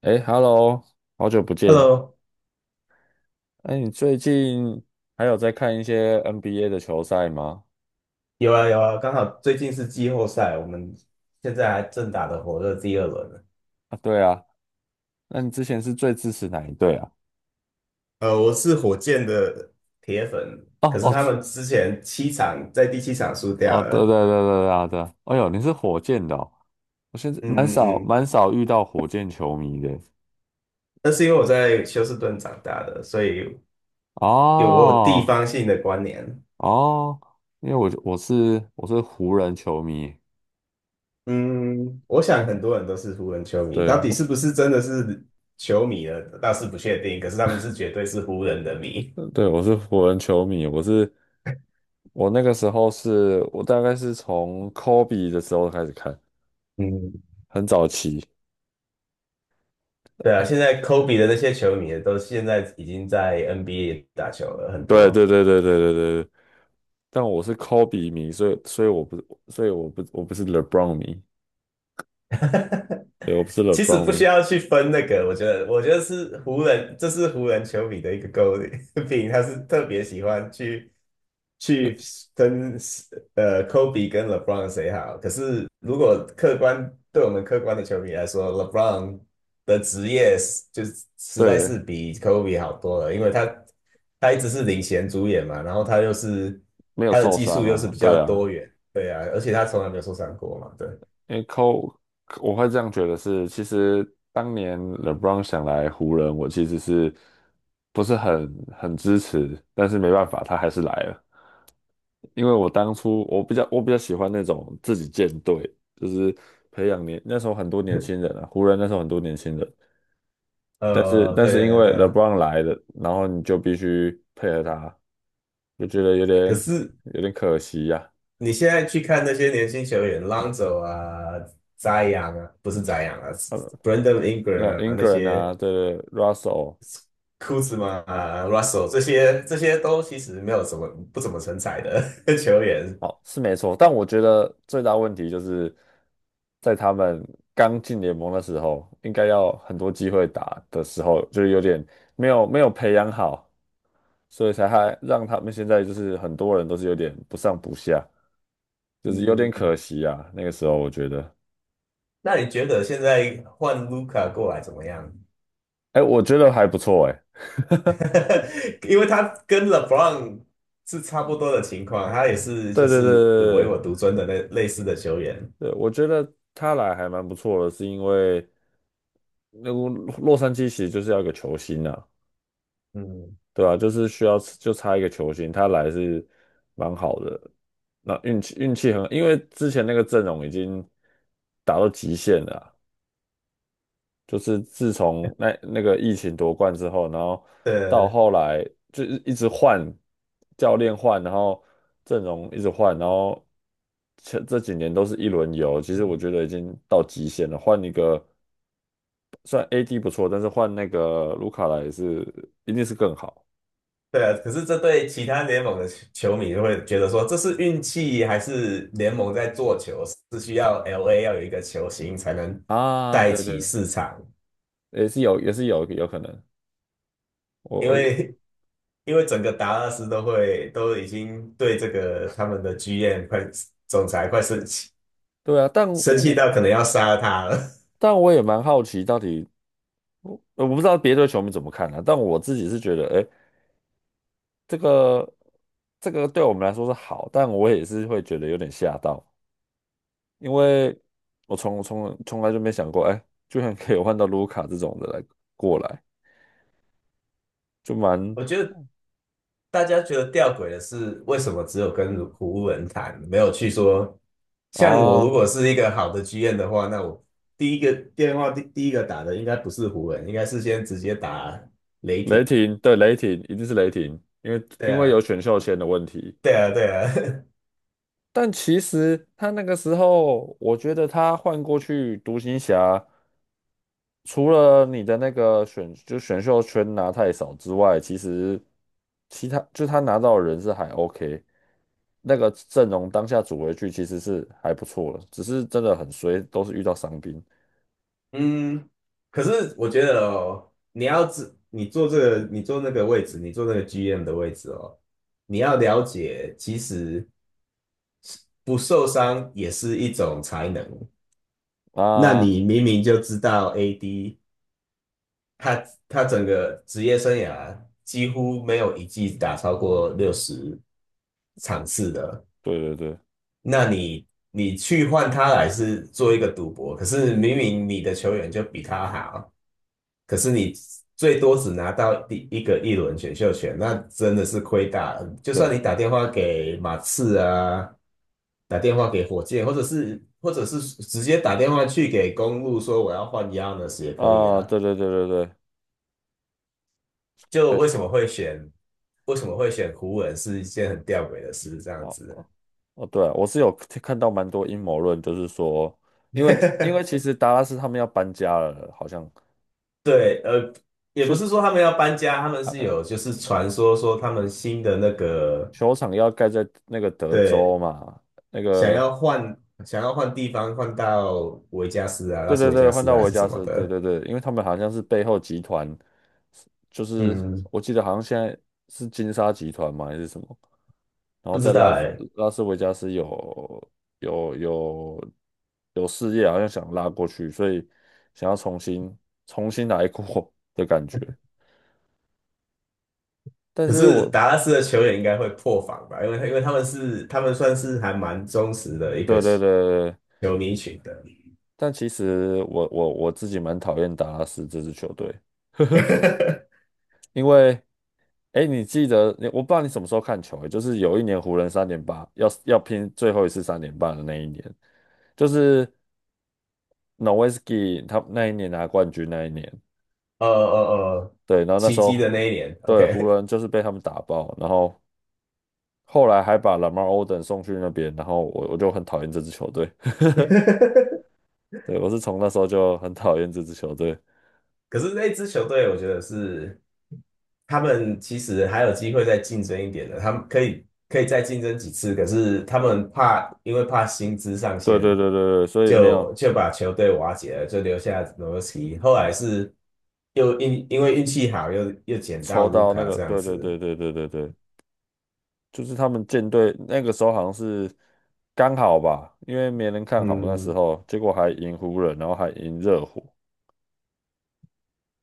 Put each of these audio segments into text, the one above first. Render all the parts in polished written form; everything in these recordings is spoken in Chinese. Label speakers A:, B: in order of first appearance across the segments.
A: 哎，Hello，好久不见。
B: Hello，
A: 哎，你最近还有在看一些 NBA 的球赛吗？
B: 有啊有啊，刚好最近是季后赛，我们现在还正打的火热第二轮呢。
A: 啊，对啊，那你之前是最支持哪一队啊？
B: 我是火箭的铁粉，
A: 哦
B: 可是
A: 哦
B: 他们之前七场在第七场输掉
A: 哦，对对
B: 了。
A: 对对对啊对啊。哎呦，你是火箭的哦。我现在蛮
B: 嗯
A: 少
B: 嗯嗯，
A: 蛮少遇到火箭球迷的。
B: 那是因为我在休斯顿长大的，所以有我有地
A: 哦
B: 方性的观念。
A: 哦，因为我是湖人球迷，
B: 嗯，我想很多人都是湖人球迷，到
A: 对，
B: 底是
A: 我
B: 不是真的是球迷呢？倒是不确定，可是他们是绝对是湖人的迷。
A: 对我是湖人球迷，我大概是从科比的时候开始看。
B: 嗯。
A: 很早期。
B: 对啊，现在 Kobe 的那些球迷都现在已经在 NBA 打球了，很
A: 对对
B: 多。
A: 对对对对对对，但我是 Kobe 迷，所以我不是 LeBron 迷，对，我不是
B: 其实
A: LeBron
B: 不
A: 迷，
B: 需要去分那个，我觉得是湖人，这是湖人球迷的一个诟病，他是特别喜欢去
A: 因
B: 去
A: 为
B: 跟Kobe 跟 LeBron 谁好。可是如果客观对我们客观的球迷来说，LeBron 的职业是就是实在是
A: 对，
B: 比 Kobe 好多了，因为他一直是领衔主演嘛，然后他又是
A: 没有
B: 他的
A: 受
B: 技术
A: 伤
B: 又是
A: 啊，
B: 比较
A: 对
B: 多
A: 啊，
B: 元，对啊，而且他从来没有受伤过嘛，对。
A: 因为 Kobe 我会这样觉得是，其实当年 LeBron 想来湖人，我其实是不是很支持，但是没办法，他还是来了，因为我当初我比较喜欢那种自己建队，就是培养年那时候很多年轻 人啊，湖人那时候很多年轻人。但是但
B: 对
A: 是因
B: 对
A: 为
B: 对啊，
A: LeBron 来了，然后你就必须配合他，就觉得有点
B: 可是
A: 可惜呀、
B: 你现在去看那些年轻球员，浪走啊、扎养啊，不是扎养啊
A: 啊呃
B: ，Brandon
A: 那
B: Ingram 啊那
A: Ingram 啊，
B: 些，
A: 对对，Russell,
B: 库兹马啊、Russell 这些，这些都其实没有什么不怎么成才的 球员。
A: 好是没错，但我觉得最大问题就是在他们刚进联盟的时候，应该要很多机会打的时候，就是有点没有培养好，所以才还让他们现在就是很多人都是有点不上不下，就是有点
B: 嗯，
A: 可惜啊。那个时候我觉得，
B: 那你觉得现在换 Luka 过来怎么样？
A: 哎，我觉得还不错，哎。
B: 因为他跟 LeBron 是差不多的情况，他也是就
A: 对对对
B: 是唯
A: 对
B: 我独尊的那类似的球员。
A: 对，对，我觉得他来还蛮不错的，是因为那个洛杉矶其实就是要一个球星啊，
B: 嗯，
A: 对吧、就是需要就差一个球星，他来是蛮好的。那运气很，因为之前那个阵容已经打到极限了啊，就是自从那个疫情夺冠之后，然后到
B: 对
A: 后来就一直换教练换，然后阵容一直换，然后这几年都是一轮游，其实我觉得已经到极限了。换一个，虽然 AD 不错，但是换那个卢卡莱也是一定是更好
B: 对啊，可是这对其他联盟的球迷就会觉得说，这是运气还是联盟在做球？是需要 LA 要有一个球星才能
A: 啊，
B: 带
A: 对对
B: 起
A: 对，
B: 市场，
A: 也是有，也是有，有可能。我
B: 因
A: 我有。
B: 为因为整个达拉斯都已经对这个他们的 GM 快总裁快生气，
A: 对啊，
B: 生气到
A: 我
B: 可能要杀了他了。
A: 但我也蛮好奇，到底我不知道别的球迷怎么看啊，但我自己是觉得，哎。这个这个对我们来说是好，但我也是会觉得有点吓到，因为我从来就没想过，哎，居然可以换到卢卡这种的来过来，就 蛮
B: 我觉得大家觉得吊诡的是，为什么只有跟湖人谈，没有去说像我如
A: 哦，
B: 果是一个好的 GM 的话，那我第一个打的应该不是湖人，应该是先直接打雷
A: 雷
B: 霆。
A: 霆，对雷霆一定是雷霆，因为
B: 对
A: 因为有
B: 啊，
A: 选秀签的问题，
B: 对啊，对啊。
A: 但其实他那个时候，我觉得他换过去独行侠。除了你的那个选秀圈拿太少之外，其实其他就他拿到的人是还 OK,那个阵容当下组回去其实是还不错了，只是真的很衰，都是遇到伤兵
B: 嗯，可是我觉得哦，你要知你坐这个，你坐那个位置，你坐那个 GM 的位置哦，你要了解，其实不受伤也是一种才能。那
A: 啊。
B: 你明明就知道 AD 他整个职业生涯几乎没有一季打超过60场次的，
A: 对对对
B: 那你去换他来是做一个赌博，可是明明你的球员就比他好。可是你最多只拿到第一个一轮选秀权，那真的是亏大了。就
A: 对
B: 算你
A: 啊，
B: 打电话给马刺啊，打电话给火箭，或者是直接打电话去给公路说我要换 Giannis 也可以
A: 啊
B: 啊。
A: 对对对对对
B: 就
A: 对，
B: 为什么会选湖人是一件很吊诡的事，这样
A: 哦
B: 子。
A: 哦，对啊，我是有看到蛮多阴谋论，就是说，因为 其实达拉斯他们要搬家了，好像
B: 对，也不是说
A: 就
B: 他们要搬家，他们是有就是传说说他们新的那个
A: 球场要盖在那个德州
B: 对
A: 嘛。那
B: 想
A: 个
B: 要换想要换地方，换到维加斯啊、拉
A: 对
B: 斯
A: 对
B: 维
A: 对，
B: 加
A: 换
B: 斯
A: 到
B: 啊还
A: 维
B: 是
A: 加
B: 什么
A: 斯，对
B: 的，
A: 对对，因为他们好像是背后集团，就是
B: 嗯，
A: 我记得好像现在是金沙集团嘛还是什么，然后
B: 不
A: 在
B: 知道
A: 拉斯
B: 哎。
A: 拉斯维加斯有有有事业，好像想拉过去，所以想要重新重新来过的感觉。但
B: 可
A: 是
B: 是
A: 我
B: 达拉斯的球员应该会破防吧？因为他们算是还蛮忠实的一个
A: 对对对
B: 球
A: 对，
B: 迷群的。
A: 但其实我自己蛮讨厌达拉斯这支球队，因为。哎，你记得，你，我不知道你什么时候看球，哎，就是有一年湖人三连霸，要要拼最后一次三连霸的那一年，就是 Nowitzki 他那一年拿冠军那一年，
B: 哦哦哦，
A: 对，然后那时
B: 奇迹的
A: 候
B: 那一年
A: 对湖
B: ，OK,
A: 人就是被他们打爆，然后后来还把 Lamar Odom 送去那边，然后我就很讨厌这支球队，对，我是从那时候就很讨厌这支球队，
B: 可是那支球队，我觉得是他们其实还有机会再竞争一点的，他们可以再竞争几次，可是他们怕因为怕薪资上
A: 对
B: 限，
A: 对对对对，所以没
B: 就
A: 有
B: 就把球队瓦解了，就留下诺维斯基。后来是又因为运气好，又捡到
A: 抽
B: 卢
A: 到那
B: 卡
A: 个，
B: 这样
A: 对对
B: 子，
A: 对对对对对。就是他们舰队那个时候好像是刚好吧，因为没人看好那时
B: 嗯，
A: 候，结果还赢湖人，然后还赢热火，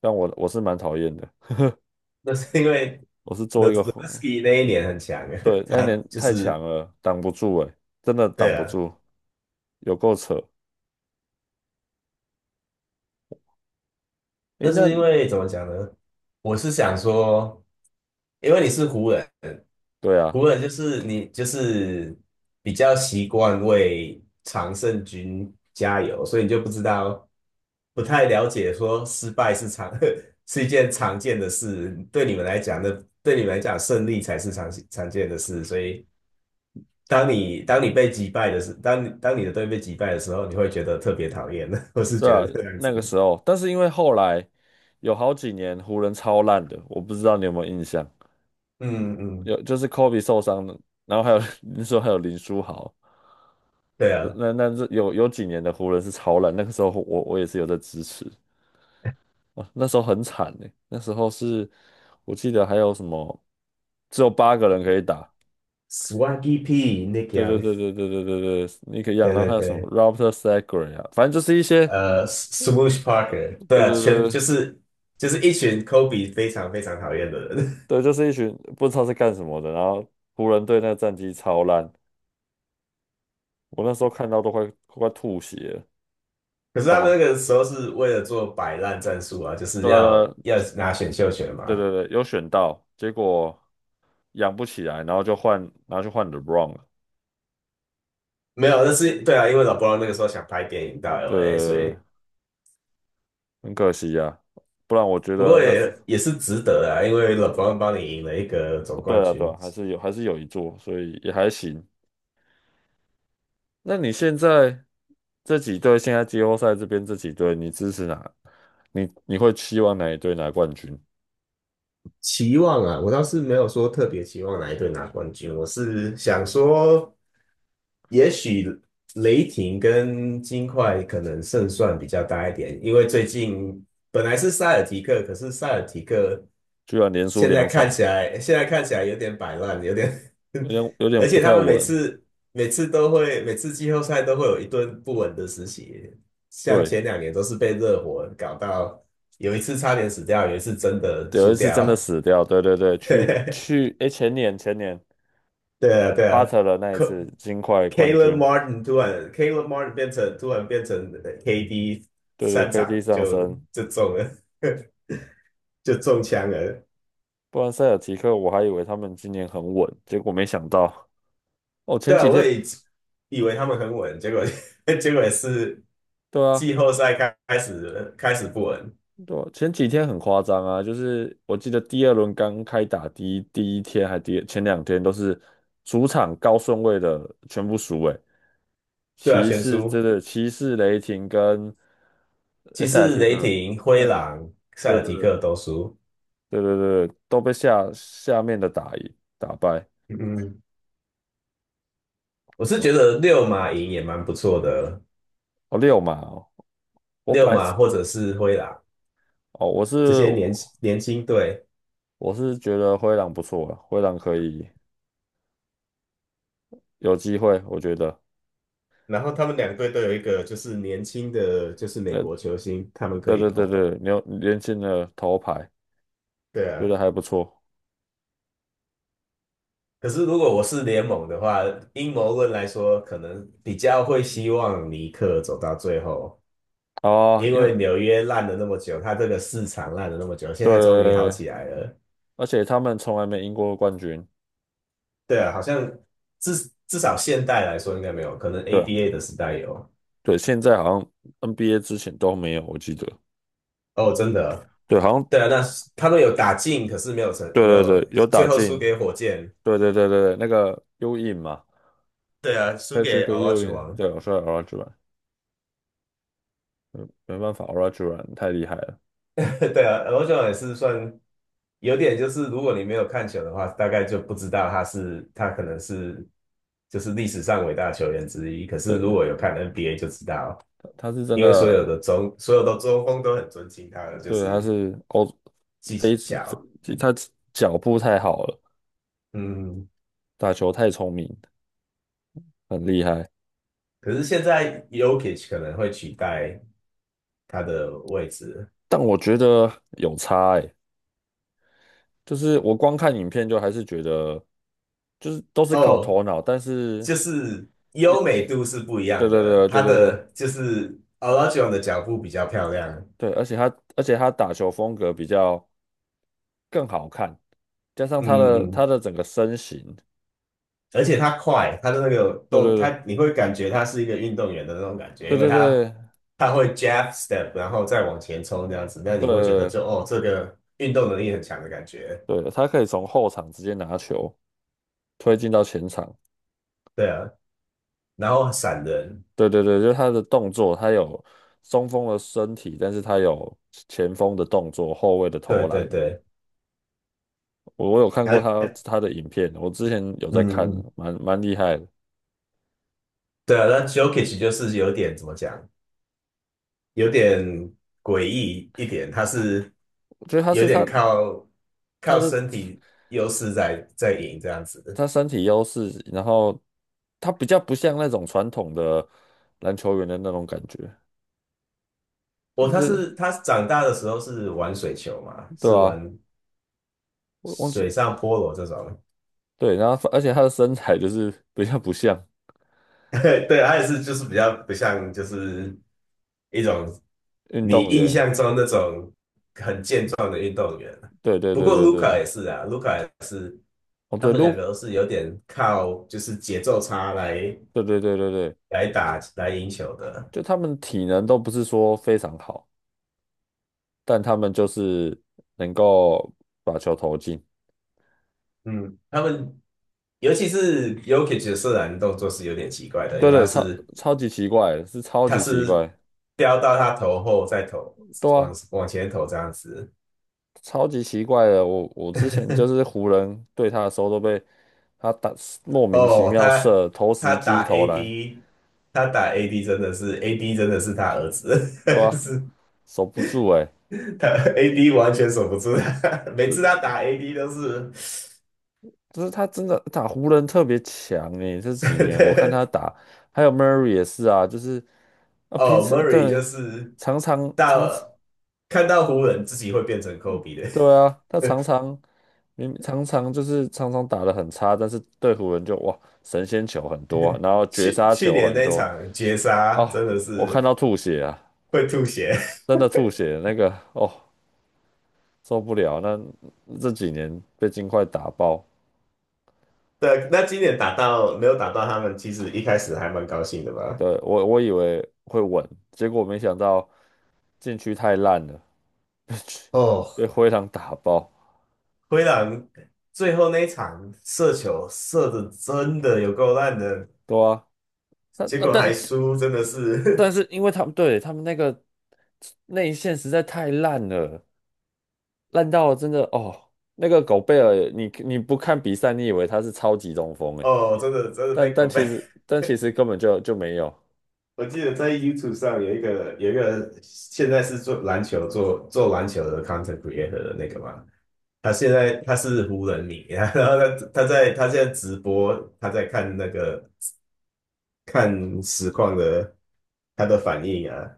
A: 但我是蛮讨厌的，
B: 那是因为
A: 我是做
B: 诺
A: 一个
B: 诺维斯
A: 火，
B: 基那一年很强，
A: 对，那一
B: 他
A: 年
B: 就
A: 太强
B: 是
A: 了，挡不住诶、真的挡
B: 对
A: 不
B: 啊，
A: 住，有够扯。诶、
B: 但是因
A: 那
B: 为怎么讲呢？我是想说，因为你是湖人，
A: 对啊，
B: 湖人就是你就是比较习惯为常胜军加油，所以你就不知道，不太了解说失败是常 是一件常见的事，对你们来讲的，对你们来讲胜利才是常见的事，所以当你的队被击败的时候，你会觉得特别讨厌，的。我是
A: 对
B: 觉
A: 啊，
B: 得这样
A: 那个
B: 子。
A: 时候，但是因为后来有好几年湖人超烂的，我不知道你有没有印象，
B: 嗯嗯，
A: 有，就是 Kobe 受伤了，然后还有 你说还有林书豪。
B: 对啊。
A: 那这有几年的湖人是超烂，那个时候我也是有在支持啊，那时候很惨呢、那时候是我记得还有什么，只有八个人可以打，
B: Swaggy P Nick
A: 对对
B: Young,
A: 对对对对对对，可以杨，
B: 对
A: 然后
B: 对
A: 还有什么
B: 对，
A: Robert Sacre 啊，反正就是一些，对
B: Swoosh Parker,
A: 对
B: 对啊，全
A: 对
B: 就是就是一群 Kobe 非常非常讨厌的人。
A: 对，就是一群不知道是干什么的，然后湖人队那个战绩超烂，我那时候看到都快吐血了，
B: 可是
A: 然
B: 他们那
A: 后
B: 个时候是为了做摆烂战术啊，就是
A: 对啊对啊
B: 要拿选秀权
A: 对
B: 嘛。
A: 对，有选到，结果养不起来，然后就换，然后就换 LeBron w 了。
B: 没有，那是对啊，因为老 e b 那个时候想拍电影到 LA,所
A: 对，
B: 以
A: 很可惜呀、不然我觉
B: 不
A: 得
B: 过
A: 那是，
B: 也是值得啊，因为老 e b 帮你赢了一个总
A: 哦
B: 冠
A: 对啊，对
B: 军。
A: 啊，还是有，还是有一座，所以也还行。那你现在这几队，现在季后赛这边这几队，你支持哪？你你会期望哪一队拿冠军？
B: 期望啊，我倒是没有说特别期望哪一队拿冠军，我是想说也许雷霆跟金块可能胜算比较大一点，因为最近本来是塞尔提克，可是塞尔提克
A: 居然连输两场，
B: 现在看起来有点摆烂，有点，
A: 有点
B: 而
A: 不
B: 且他
A: 太
B: 们每
A: 稳。
B: 次每次都会每次季后赛都会有一顿不稳的实习，像
A: 对，
B: 前2年都是被热火搞到，有一次差点死掉，有一次真的
A: 有
B: 输
A: 一次真的
B: 掉。
A: 死掉，对对对，去
B: 对
A: 去，哎，前年
B: 啊，对
A: 巴
B: 啊，
A: 特勒那一次
B: 可。
A: 金块冠
B: Caleb
A: 军，
B: Martin 突然，Caleb Martin 变成KD
A: 对对
B: 三场
A: ，KD 上
B: 就
A: 升，
B: 就中了 就中枪了。
A: 不然塞尔提克我还以为他们今年很稳，结果没想到。哦，前
B: 对啊，
A: 几
B: 我
A: 天，
B: 也以为他们很稳，结果 结果也是
A: 对啊，
B: 季后赛开始不稳。
A: 对啊，前几天很夸张啊，就是我记得第二轮刚开打第一天还前两天都是主场高顺位的全部输诶，
B: 对啊，全输。
A: 骑士、雷霆跟
B: 其
A: 塞尔
B: 士、
A: 提
B: 雷
A: 克，
B: 霆、灰
A: 嗯，
B: 狼、塞
A: 对
B: 尔提
A: 对
B: 克都输。
A: 对对对对，都被下面的打赢打败，
B: 嗯，我是
A: 我，
B: 觉得六马赢也蛮不错的，
A: 哦，六嘛，哦，我本
B: 六
A: 来是，
B: 马或者是灰狼
A: 哦，我
B: 这
A: 是
B: 些年年轻队。
A: 我是觉得灰狼不错啊，灰狼可以有机会，我觉得。
B: 然后他们两队都有一个就是年轻的，就是美
A: 呃
B: 国球星，他们可
A: 对
B: 以
A: 对对
B: 捧。
A: 对，牛年轻的头牌，
B: 对
A: 觉
B: 啊，
A: 得还不错
B: 可是如果我是联盟的话，阴谋论来说，可能比较会希望尼克走到最后，
A: 啊。
B: 因
A: 因为
B: 为纽约烂了那么久，他这个市场烂了那么久，现在终于好
A: 对，
B: 起来了。
A: 而且他们从来没赢过冠军。
B: 对啊，好像至少现代来说应该没有，可能
A: 对
B: ABA 的时代有。
A: 对，现在好像 NBA 之前都没有，我记得。
B: 哦，真的，
A: 对，好像
B: 对啊，那他们有打进，可是没有成，没
A: 对对
B: 有
A: 对，有打
B: 最后输
A: 进。
B: 给火箭。
A: 对对对对对，那个 U in 嘛
B: 对啊，输给
A: ，Patrick
B: o l a
A: U
B: j u w
A: in,
B: o
A: 对，我说 Olajuwon,没办法，Olajuwon 太厉害了。
B: 对啊，罗球也是算有点，就是如果你没有看球的话，大概就不知道他是他可能是就是历史上伟大球员之一。可是如
A: 对，
B: 果有看 NBA 就知道，
A: 他是真
B: 因为所有
A: 的，
B: 的中所有的中锋都很尊敬他的就
A: 对，他
B: 是
A: 是欧
B: 技
A: 飞
B: 巧。
A: 非他脚步太好了，
B: 嗯，
A: 打球太聪明，很厉害。
B: 可是现在 y o k i c 可能会取代他的位置
A: 但我觉得有差欸，就是我光看影片就还是觉得，就是都是靠
B: 哦，
A: 头脑，但是
B: 就是
A: 也
B: 优美度是不一
A: 对
B: 样
A: 对
B: 的，
A: 对
B: 他
A: 对对对
B: 的就是 o l a j o 的脚步比较漂亮。
A: 对，而且他打球风格比较更好看，加上
B: 嗯嗯，
A: 他的整个身形，
B: 而且他快，他的那个
A: 对
B: 动，他
A: 对
B: 你会感觉他是一个运动员的那种感觉，
A: 对
B: 因为
A: 对对
B: 他
A: 对
B: 他会 jab step,然后再往前冲这样子，那你会觉得
A: 对
B: 就哦，这个运动能力很强的感觉，
A: 对，他可以从后场直接拿球推进到前场，
B: 对啊，然后闪人，
A: 对对对，就是他的动作，他有中锋的身体，但是他有前锋的动作，后卫的投
B: 对
A: 篮。
B: 对对，
A: 我有看过
B: 然后
A: 他的影片，我之前有在
B: 嗯
A: 看，
B: 嗯，
A: 蛮蛮厉害的。
B: 对啊，那 Jokic 就是有点怎么讲，有点诡异一点，他是
A: 我觉得他
B: 有
A: 是
B: 点
A: 他
B: 靠
A: 他
B: 靠
A: 是
B: 身体优势在赢这样子。
A: 身体优势，然后他比较不像那种传统的篮球员的那种感觉，就
B: 我他
A: 是
B: 是他长大的时候是玩水球嘛，
A: 对
B: 是
A: 啊，
B: 玩
A: 我忘记
B: 水上菠萝这种，
A: 对，然后而且他的身材就是 比较不像
B: 对，他也是就是比较不像就是一种
A: 运
B: 你
A: 动
B: 印
A: 员，
B: 象中那种很健壮的运动员。
A: 对对
B: 不
A: 对
B: 过
A: 对
B: 卢卡
A: 对，
B: 也是啊，卢卡也是，
A: 哦
B: 他
A: 对，
B: 们两
A: 如
B: 个都是有点靠就是节奏差来
A: 对对对对对，
B: 来打来赢球的。
A: 就他们体能都不是说非常好，但他们就是能够把球投进。
B: 嗯，他们尤其是 Jokic 的射篮动作是有点奇怪的，因
A: 对
B: 为他
A: 对，
B: 是
A: 超级奇怪的是超
B: 他
A: 级奇
B: 是
A: 怪，
B: 飙到他头后再投
A: 对
B: 往
A: 啊，
B: 往前投这样子。
A: 超级奇怪的。我之前就 是湖人对他的时候，都被他打莫名其
B: 哦，
A: 妙
B: 他
A: 射投
B: 他
A: 石机
B: 打
A: 投篮，
B: AD,真的是 AD 真的是他儿子，
A: 对
B: 就
A: 吧、
B: 是
A: 守不住哎、
B: 他 AD 完全守不住他，每次他打 AD 都是，
A: 就是他真的打湖人特别强哎、这几 年我看
B: 对，
A: 他打，还有 Murray 也是啊，就是啊，平
B: 哦
A: 时
B: ，Murray
A: 对，
B: 就是
A: 常
B: 到看到湖人自己会变成 Kobe 的，
A: 对啊，他常常打得很差，但是对湖人就哇神仙球很多，然后 绝
B: 去
A: 杀
B: 去
A: 球
B: 年
A: 很
B: 那
A: 多
B: 场绝杀
A: 哦，
B: 真的
A: 我看
B: 是
A: 到吐血啊，
B: 会吐血，
A: 真的吐血，那个哦受不了，那这几年被金快打爆，
B: 对啊，那今年打到没有打到他们，其实一开始还蛮高兴的吧。
A: 对，我以为会稳，结果没想到禁区太烂了，
B: 哦，
A: 被灰狼打爆，
B: 灰狼最后那一场射球射的真的有够烂的，
A: 对啊，但
B: 结
A: 啊
B: 果还
A: 但
B: 输，真的
A: 但
B: 是
A: 是因为他们那个内线实在太烂了。烂到真的哦，那个狗贝尔，你，你不看比赛，你以为他是超级中锋 诶，
B: 哦，真的真的
A: 但
B: 被
A: 但
B: 狗背。
A: 其实 但其实根本就没有
B: 我记得在 YouTube 上有一个现在是做篮球的 content creator 的那个嘛，他现在他是湖人迷，然后他现在直播，他在看那个看实况的他的反应啊，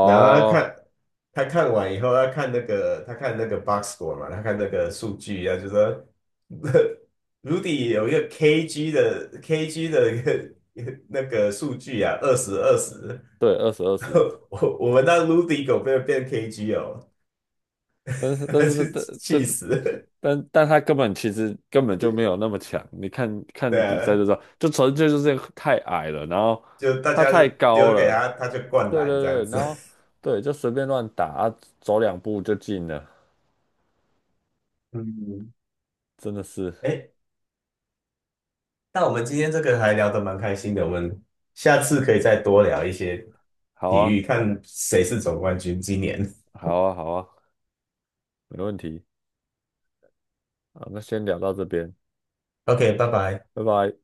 B: 然后他看他看完以后，他看那个，他看那个 box score 嘛，他看那个数据啊，就说 Rudy 有一个 KG 的一个那个数据啊，20-20，
A: 对，二十二 十，
B: 我们那 Rudy 狗变 KG 哦，
A: 但是 但
B: 还
A: 是
B: 是
A: 但
B: 气
A: 但
B: 死，
A: 但但他根本根本就没有那么强，你看
B: 对
A: 看比赛就
B: 啊，
A: 知道，就纯粹就是太矮了，然后
B: 就大
A: 他
B: 家
A: 太
B: 就
A: 高
B: 丢给
A: 了，
B: 他，他就灌
A: 对对
B: 篮这样
A: 对，
B: 子。
A: 然后对就随便乱打啊，走两步就进了，
B: 嗯，
A: 真的是
B: 哎，那我们今天这个还聊得蛮开心的，我们下次可以再多聊一些
A: 好
B: 体
A: 啊
B: 育，看谁是总冠军今年。
A: 好啊好啊，没问题啊，好那先聊到这边。
B: OK,拜拜。
A: 拜拜。